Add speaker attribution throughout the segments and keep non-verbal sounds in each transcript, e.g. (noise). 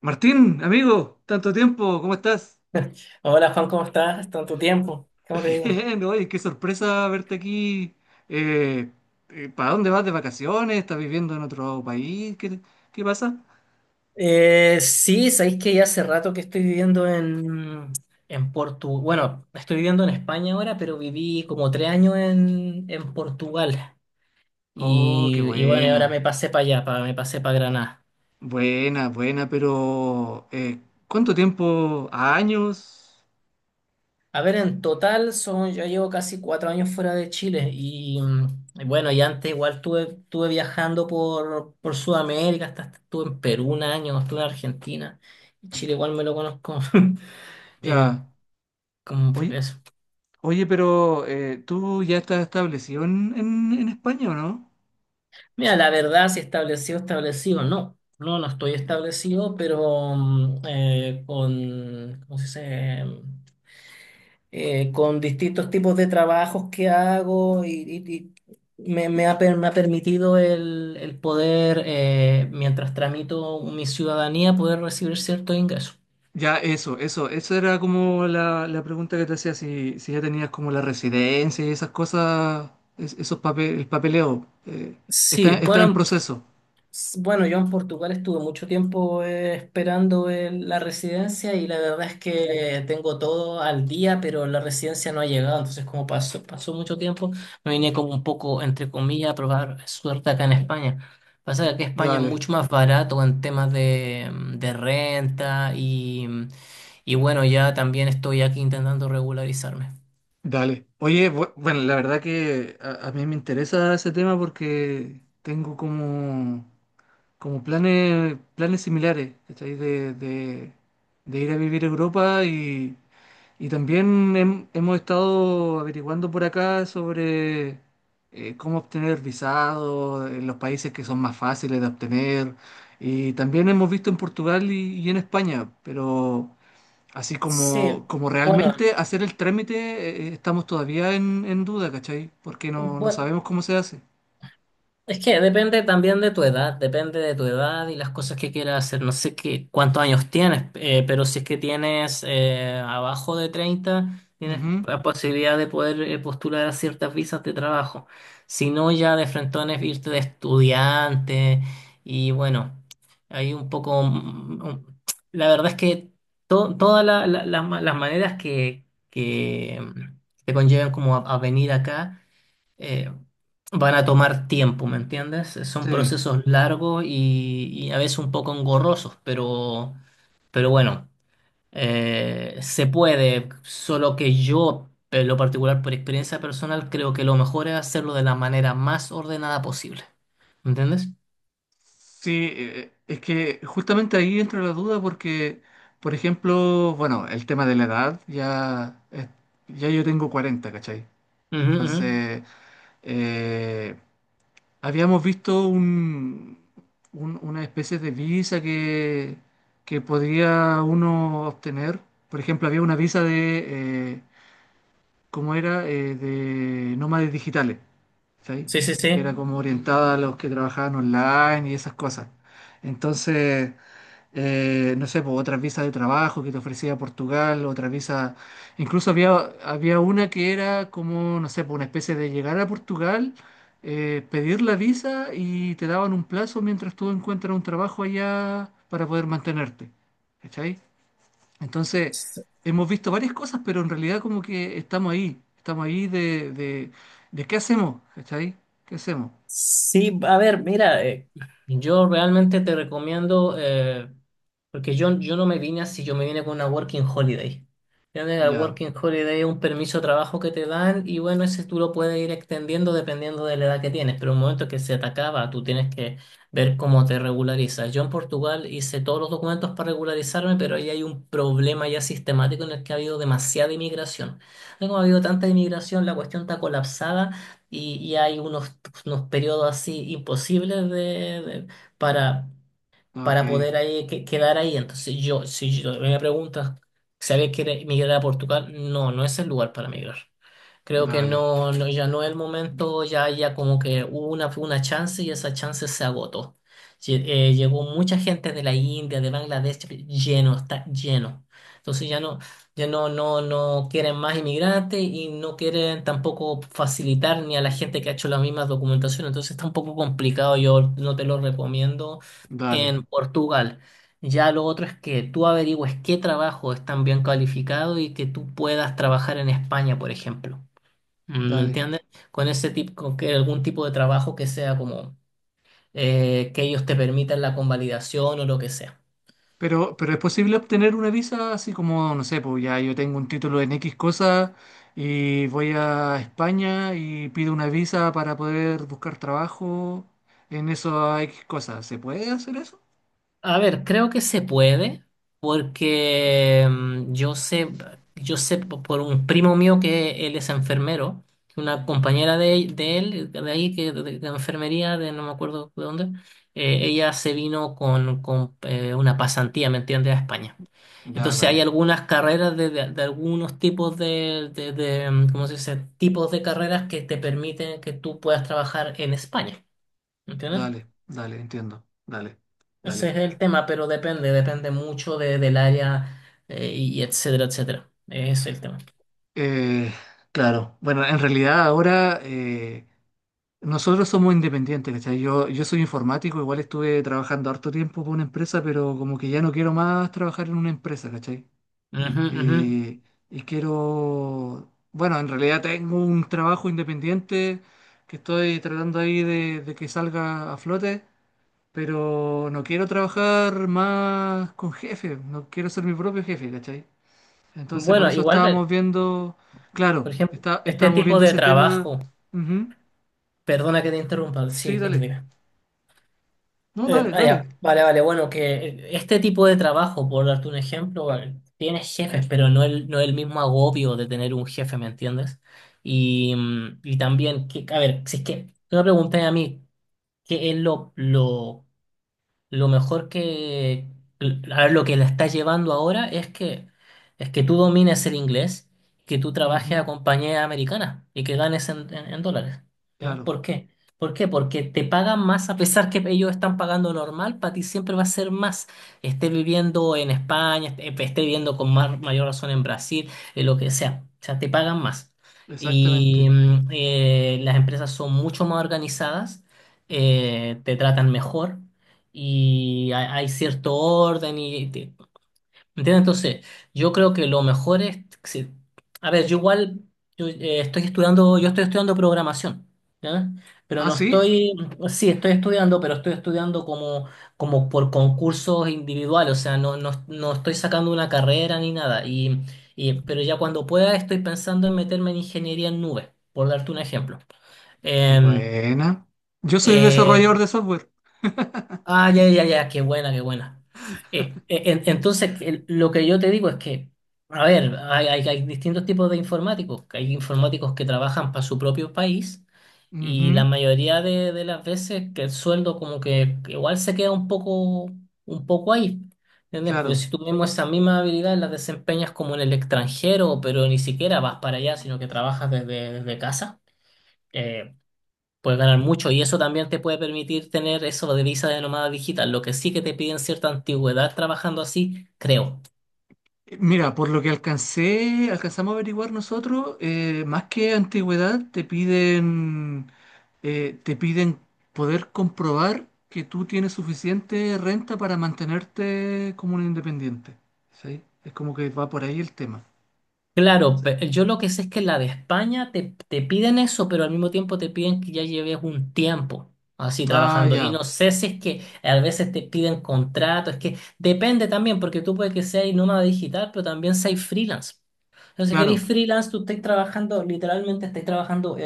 Speaker 1: Martín, amigo, tanto tiempo, ¿cómo estás?
Speaker 2: Hola Juan, ¿cómo estás? Tanto tiempo, ¿cómo te
Speaker 1: (laughs)
Speaker 2: digo?
Speaker 1: Bien, oye, qué sorpresa verte aquí. Eh, ¿Para dónde vas de vacaciones? ¿Estás viviendo en otro país? ¿Qué pasa?
Speaker 2: Sí, sabéis que ya hace rato que estoy viviendo en Portugal. Bueno, estoy viviendo en España ahora, pero viví como 3 años en Portugal.
Speaker 1: Oh, qué
Speaker 2: Y bueno, y ahora
Speaker 1: buena,
Speaker 2: me pasé para allá, me pasé para Granada.
Speaker 1: buena, buena, pero ¿cuánto tiempo? ¿Años?
Speaker 2: A ver, en total son, yo llevo casi 4 años fuera de Chile. Y bueno, y antes igual estuve viajando por Sudamérica, hasta estuve en Perú un año, estuve en Argentina. Y Chile igual me lo conozco. (laughs) Eh,
Speaker 1: Ya.
Speaker 2: Como
Speaker 1: Oye,
Speaker 2: eso.
Speaker 1: oye, pero ¿tú ya estás establecido en España o no?
Speaker 2: Mira, la verdad, si establecido, establecido, no. No, no estoy establecido, pero con, ¿cómo se dice? Con distintos tipos de trabajos que hago y me ha permitido el poder, mientras tramito mi ciudadanía, poder recibir cierto ingreso.
Speaker 1: Ya, eso, esa era como la pregunta que te hacía, si ya tenías como la residencia y esas cosas, esos papeles, el papeleo, está,
Speaker 2: Sí,
Speaker 1: está en
Speaker 2: bueno.
Speaker 1: proceso.
Speaker 2: Bueno, yo en Portugal estuve mucho tiempo esperando la residencia y la verdad es que tengo todo al día, pero la residencia no ha llegado. Entonces, como pasó mucho tiempo, me vine como un poco, entre comillas, a probar suerte acá en España. Pasa que aquí España es
Speaker 1: Dale,
Speaker 2: mucho más barato en temas de renta y bueno, ya también estoy aquí intentando regularizarme.
Speaker 1: dale. Oye, bueno, la verdad que a mí me interesa ese tema porque tengo como, como planes, planes similares, ¿cachai? De ir a vivir a Europa. Y también hemos estado averiguando por acá sobre cómo obtener visados en los países que son más fáciles de obtener. Y también hemos visto en Portugal y en España, pero así
Speaker 2: Sí,
Speaker 1: como, como
Speaker 2: bueno,
Speaker 1: realmente hacer el trámite, estamos todavía en duda, ¿cachai? Porque no, no
Speaker 2: bueno.
Speaker 1: sabemos cómo se hace.
Speaker 2: Es que depende también de tu edad, depende de tu edad y las cosas que quieras hacer. No sé qué, cuántos años tienes, pero si es que tienes abajo de 30 tienes
Speaker 1: Ujú.
Speaker 2: la posibilidad de poder postular a ciertas visas de trabajo. Si no, ya de frentón es irte de estudiante y bueno, hay un poco la verdad es que todas las las maneras que te conllevan como a venir acá, eh, van a tomar tiempo, ¿me entiendes? Son
Speaker 1: Sí.
Speaker 2: procesos largos y a veces un poco engorrosos, pero, bueno, se puede, solo que yo, en lo particular por experiencia personal, creo que lo mejor es hacerlo de la manera más ordenada posible, ¿me entiendes?
Speaker 1: Sí, es que justamente ahí entra la duda porque, por ejemplo, bueno, el tema de la edad, ya, ya yo tengo 40, ¿cachai?
Speaker 2: Ujú, ujú.
Speaker 1: Entonces, eh, habíamos visto un, una especie de visa que podía uno obtener. Por ejemplo, había una visa de como era de nómades digitales, ¿sí?
Speaker 2: Sí,
Speaker 1: Que era
Speaker 2: sí,
Speaker 1: como orientada a los que trabajaban online y esas cosas. Entonces, no sé, pues, otras visas de trabajo que te ofrecía Portugal, otras visas, incluso había, había una que era como, no sé, pues, una especie de llegar a Portugal, pedir la visa y te daban un plazo mientras tú encuentras un trabajo allá para poder mantenerte, ¿cachai? Entonces,
Speaker 2: sí.
Speaker 1: hemos visto varias cosas, pero en realidad como que estamos ahí de qué hacemos, ¿cachai? ¿Qué hacemos?
Speaker 2: Sí, a ver, mira, yo realmente te recomiendo, porque yo no me vine así, yo me vine con una working holiday. Ya de La
Speaker 1: Ya,
Speaker 2: working holiday es un permiso de trabajo que te dan y bueno, ese tú lo puedes ir extendiendo dependiendo de la edad que tienes, pero en el momento que se te acaba, tú tienes que ver cómo te regularizas. Yo en Portugal hice todos los documentos para regularizarme, pero ahí hay un problema ya sistemático en el que ha habido demasiada inmigración. Como ha habido tanta inmigración, la cuestión está colapsada y hay unos periodos así imposibles de- para,
Speaker 1: ok,
Speaker 2: para poder ahí, quedar ahí. Entonces yo, si yo me preguntas, ¿sabes que migrar a Portugal? No, no es el lugar para migrar. Creo que
Speaker 1: dale,
Speaker 2: no, no, ya no es el momento, ya, ya como que hubo una chance y esa chance se agotó. Llegó mucha gente de la India, de Bangladesh, lleno, está lleno. Entonces ya no, ya no, no, no quieren más inmigrantes y no quieren tampoco facilitar ni a la gente que ha hecho la misma documentación. Entonces está un poco complicado, yo no te lo recomiendo
Speaker 1: dale,
Speaker 2: en Portugal. Ya lo otro es que tú averigües qué trabajo es tan bien calificado y que tú puedas trabajar en España, por ejemplo. ¿Me
Speaker 1: dale.
Speaker 2: entiendes? Con que algún tipo de trabajo que sea como, que ellos te permitan la convalidación o lo que sea.
Speaker 1: Pero ¿es posible obtener una visa así como, no sé, pues ya yo tengo un título en X cosa y voy a España y pido una visa para poder buscar trabajo en eso X cosas? ¿Se puede hacer eso?
Speaker 2: A ver, creo que se puede, porque por un primo mío que él es enfermero, que una compañera de él, de ahí, que de enfermería, de no me acuerdo de dónde, ella se vino con una pasantía, ¿me entiendes?, a España.
Speaker 1: Ya,
Speaker 2: Entonces hay
Speaker 1: dale,
Speaker 2: algunas carreras de algunos tipos de ¿cómo se dice?, tipos de carreras que te permiten que tú puedas trabajar en España, ¿me entiendes?
Speaker 1: dale, dale, entiendo, dale,
Speaker 2: Ese
Speaker 1: dale.
Speaker 2: es el tema, pero depende, depende mucho de, del área, y etcétera, etcétera. Ese es el tema.
Speaker 1: Eh, claro, bueno, en realidad ahora nosotros somos independientes, ¿cachai? Yo soy informático, igual estuve trabajando harto tiempo por una empresa, pero como que ya no quiero más trabajar en una empresa, ¿cachai?
Speaker 2: Ujú, ujú.
Speaker 1: Eh, y quiero, bueno, en realidad tengo un trabajo independiente que estoy tratando ahí de que salga a flote, pero no quiero trabajar más con jefe, no quiero ser mi propio jefe, ¿cachai? Entonces, por
Speaker 2: Bueno,
Speaker 1: eso
Speaker 2: igual,
Speaker 1: estábamos viendo, claro,
Speaker 2: por ejemplo,
Speaker 1: está,
Speaker 2: este
Speaker 1: estábamos
Speaker 2: tipo
Speaker 1: viendo
Speaker 2: de
Speaker 1: ese tema.
Speaker 2: trabajo,
Speaker 1: Ujú.
Speaker 2: perdona que te interrumpa, sí,
Speaker 1: Sí,
Speaker 2: dime,
Speaker 1: dale.
Speaker 2: dime.
Speaker 1: No,
Speaker 2: Eh,
Speaker 1: dale,
Speaker 2: ah,
Speaker 1: dale.
Speaker 2: ya, vale, vale, bueno, que este tipo de trabajo, por darte un ejemplo, vale, tienes jefes, pero no el mismo agobio de tener un jefe, ¿me entiendes? Y también, que, a ver, si es que tú me preguntas a mí, ¿qué es lo mejor lo que la está llevando ahora es que tú domines el inglés, que tú trabajes
Speaker 1: Ujú.
Speaker 2: a compañías americanas y que ganes en dólares. ¿Ya?
Speaker 1: Claro,
Speaker 2: ¿Por qué? ¿Por qué? Porque te pagan más a pesar que ellos están pagando normal, para ti siempre va a ser más. Esté viviendo en España, esté viviendo con más, mayor razón en Brasil, en lo que sea. O sea, te pagan más. Y
Speaker 1: exactamente.
Speaker 2: las empresas son mucho más organizadas, te tratan mejor y hay cierto orden ¿Entiendes? Entonces, yo creo que lo mejor es si- a ver, yo igual estoy estudiando, yo estoy estudiando programación, ¿ya? Pero
Speaker 1: ¿Ah,
Speaker 2: no
Speaker 1: sí?
Speaker 2: estoy, sí, estoy estudiando, pero estoy estudiando como, como por concursos individuales, o sea, no, no, no estoy sacando una carrera ni nada. Pero ya cuando pueda estoy pensando en meterme en ingeniería en nubes, por darte un ejemplo. Em,
Speaker 1: Buena. Yo soy
Speaker 2: eh,
Speaker 1: desarrollador de software.
Speaker 2: Ah, ya, ya, ya, qué buena, qué buena. Entonces, lo que yo te digo es que, a ver, hay distintos tipos de informáticos. Hay informáticos que trabajan para su propio país y la
Speaker 1: Ujú.
Speaker 2: mayoría de las veces que el sueldo como que igual se queda un poco ahí. ¿Entiendes? Pero si
Speaker 1: Claro.
Speaker 2: tú mismo esa misma habilidad la desempeñas como en el extranjero, pero ni siquiera vas para allá, sino que trabajas desde casa. eh, Puedes ganar mucho y eso también te puede permitir tener eso de visa de nómada digital, lo que sí que te piden cierta antigüedad trabajando así, creo.
Speaker 1: Mira, por lo que alcancé, alcanzamos a averiguar nosotros, más que antigüedad, te piden poder comprobar que tú tienes suficiente renta para mantenerte como un independiente. ¿Sí? Es como que va por ahí el tema.
Speaker 2: Claro, yo lo que sé es que la de España te piden eso, pero al mismo tiempo te piden que ya lleves un tiempo así
Speaker 1: Ah,
Speaker 2: trabajando.
Speaker 1: ya,
Speaker 2: Y no sé si es que a veces te piden contrato, es que depende también, porque tú puedes que seas nómada digital, pero también seas freelance. Entonces, si eres
Speaker 1: claro,
Speaker 2: freelance, tú estás trabajando, literalmente estás trabajando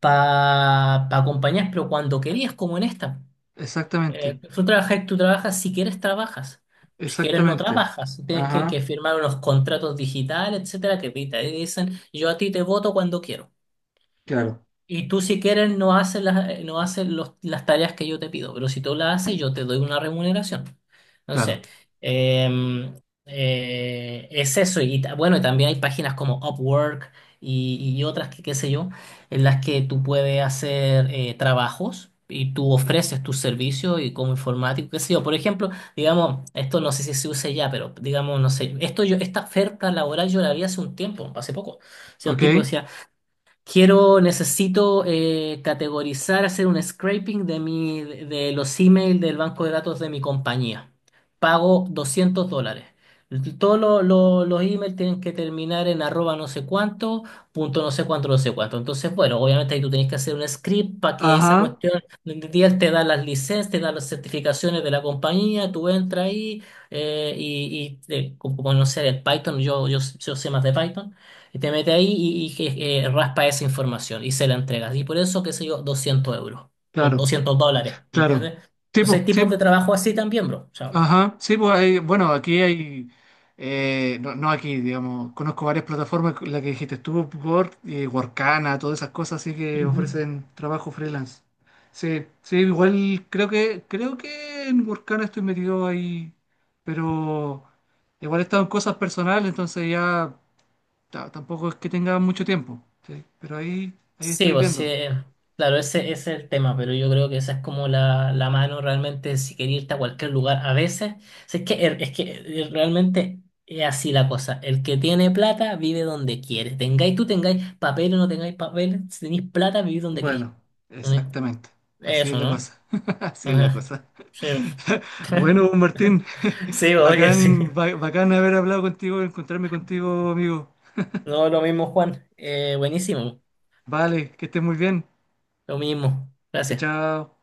Speaker 2: para compañías, pero cuando querías, como en esta.
Speaker 1: exactamente,
Speaker 2: Tú trabajas, tú trabajas, si quieres no
Speaker 1: exactamente.
Speaker 2: trabajas, tienes que
Speaker 1: Ajá,
Speaker 2: firmar unos contratos digitales, etcétera, que te dicen, yo a ti te voto cuando quiero.
Speaker 1: claro,
Speaker 2: Y tú si quieres no haces las, no haces los- las tareas que yo te pido, pero si tú las haces yo te doy una remuneración. Entonces,
Speaker 1: claro.
Speaker 2: em, es eso. Y bueno, y también hay páginas como Upwork y otras que qué sé yo, en las que tú puedes hacer trabajos y tú ofreces tus servicios y como informático, qué sé yo. Por ejemplo, digamos, esto no sé si se usa ya, pero digamos, no sé, esto yo, esta oferta laboral yo la vi hace un tiempo, hace poco. O sea, un
Speaker 1: ¿Ok?
Speaker 2: tipo decía: quiero, necesito categorizar, hacer un scraping de los emails del banco de datos de mi compañía. Pago $200. Todos los emails tienen que terminar en arroba no sé cuánto, punto no sé cuánto, no sé cuánto. Entonces, bueno, obviamente ahí tú tenés que hacer un script para que esa
Speaker 1: Ajá,
Speaker 2: cuestión, día te da las licencias, te da las certificaciones de la compañía, tú entras ahí, como, como no sé, el Python, yo sé más de Python. Te mete ahí raspa esa información y se la entregas. Y por eso, qué sé yo, 200 € o
Speaker 1: claro,
Speaker 2: $200, ¿entiendes?
Speaker 1: claro.
Speaker 2: Entonces hay
Speaker 1: Tipo, sí.
Speaker 2: tipos de trabajo así también, bro. O sea,
Speaker 1: Ajá, sí, pues hay, bueno, aquí hay, no, no aquí, digamos, conozco varias plataformas, la que dijiste tú, Upwork, Workana, todas esas cosas así que
Speaker 2: ujú.
Speaker 1: ofrecen trabajo freelance. Sí, sí, igual creo que en Workana estoy metido ahí, pero igual he estado en cosas personales, entonces ya tampoco es que tenga mucho tiempo, sí, pero ahí, ahí
Speaker 2: Sí,
Speaker 1: estoy
Speaker 2: pues sí,
Speaker 1: viendo.
Speaker 2: claro, ese es el tema, pero yo creo que esa es como la mano realmente si quería irte a cualquier lugar. A veces, si es que, realmente es así la cosa. El que tiene plata vive donde quiere. Tengáis, tú tengáis papel o no tengáis papel, si tenéis plata, vivís donde queréis.
Speaker 1: Bueno,
Speaker 2: ¿Entiendes?
Speaker 1: exactamente, así es
Speaker 2: Eso,
Speaker 1: la
Speaker 2: ¿no?
Speaker 1: cosa, (laughs) así es la
Speaker 2: Ajá.
Speaker 1: cosa.
Speaker 2: Sí, pues.
Speaker 1: (laughs) Bueno, pues, Martín,
Speaker 2: Sí,
Speaker 1: (laughs)
Speaker 2: oye, sí.
Speaker 1: bacán, bacán haber hablado contigo, encontrarme contigo, amigo.
Speaker 2: No, lo mismo, Juan. Buenísimo.
Speaker 1: Vale, que estés muy bien.
Speaker 2: Lo mismo.
Speaker 1: Chao,
Speaker 2: Gracias.
Speaker 1: chao.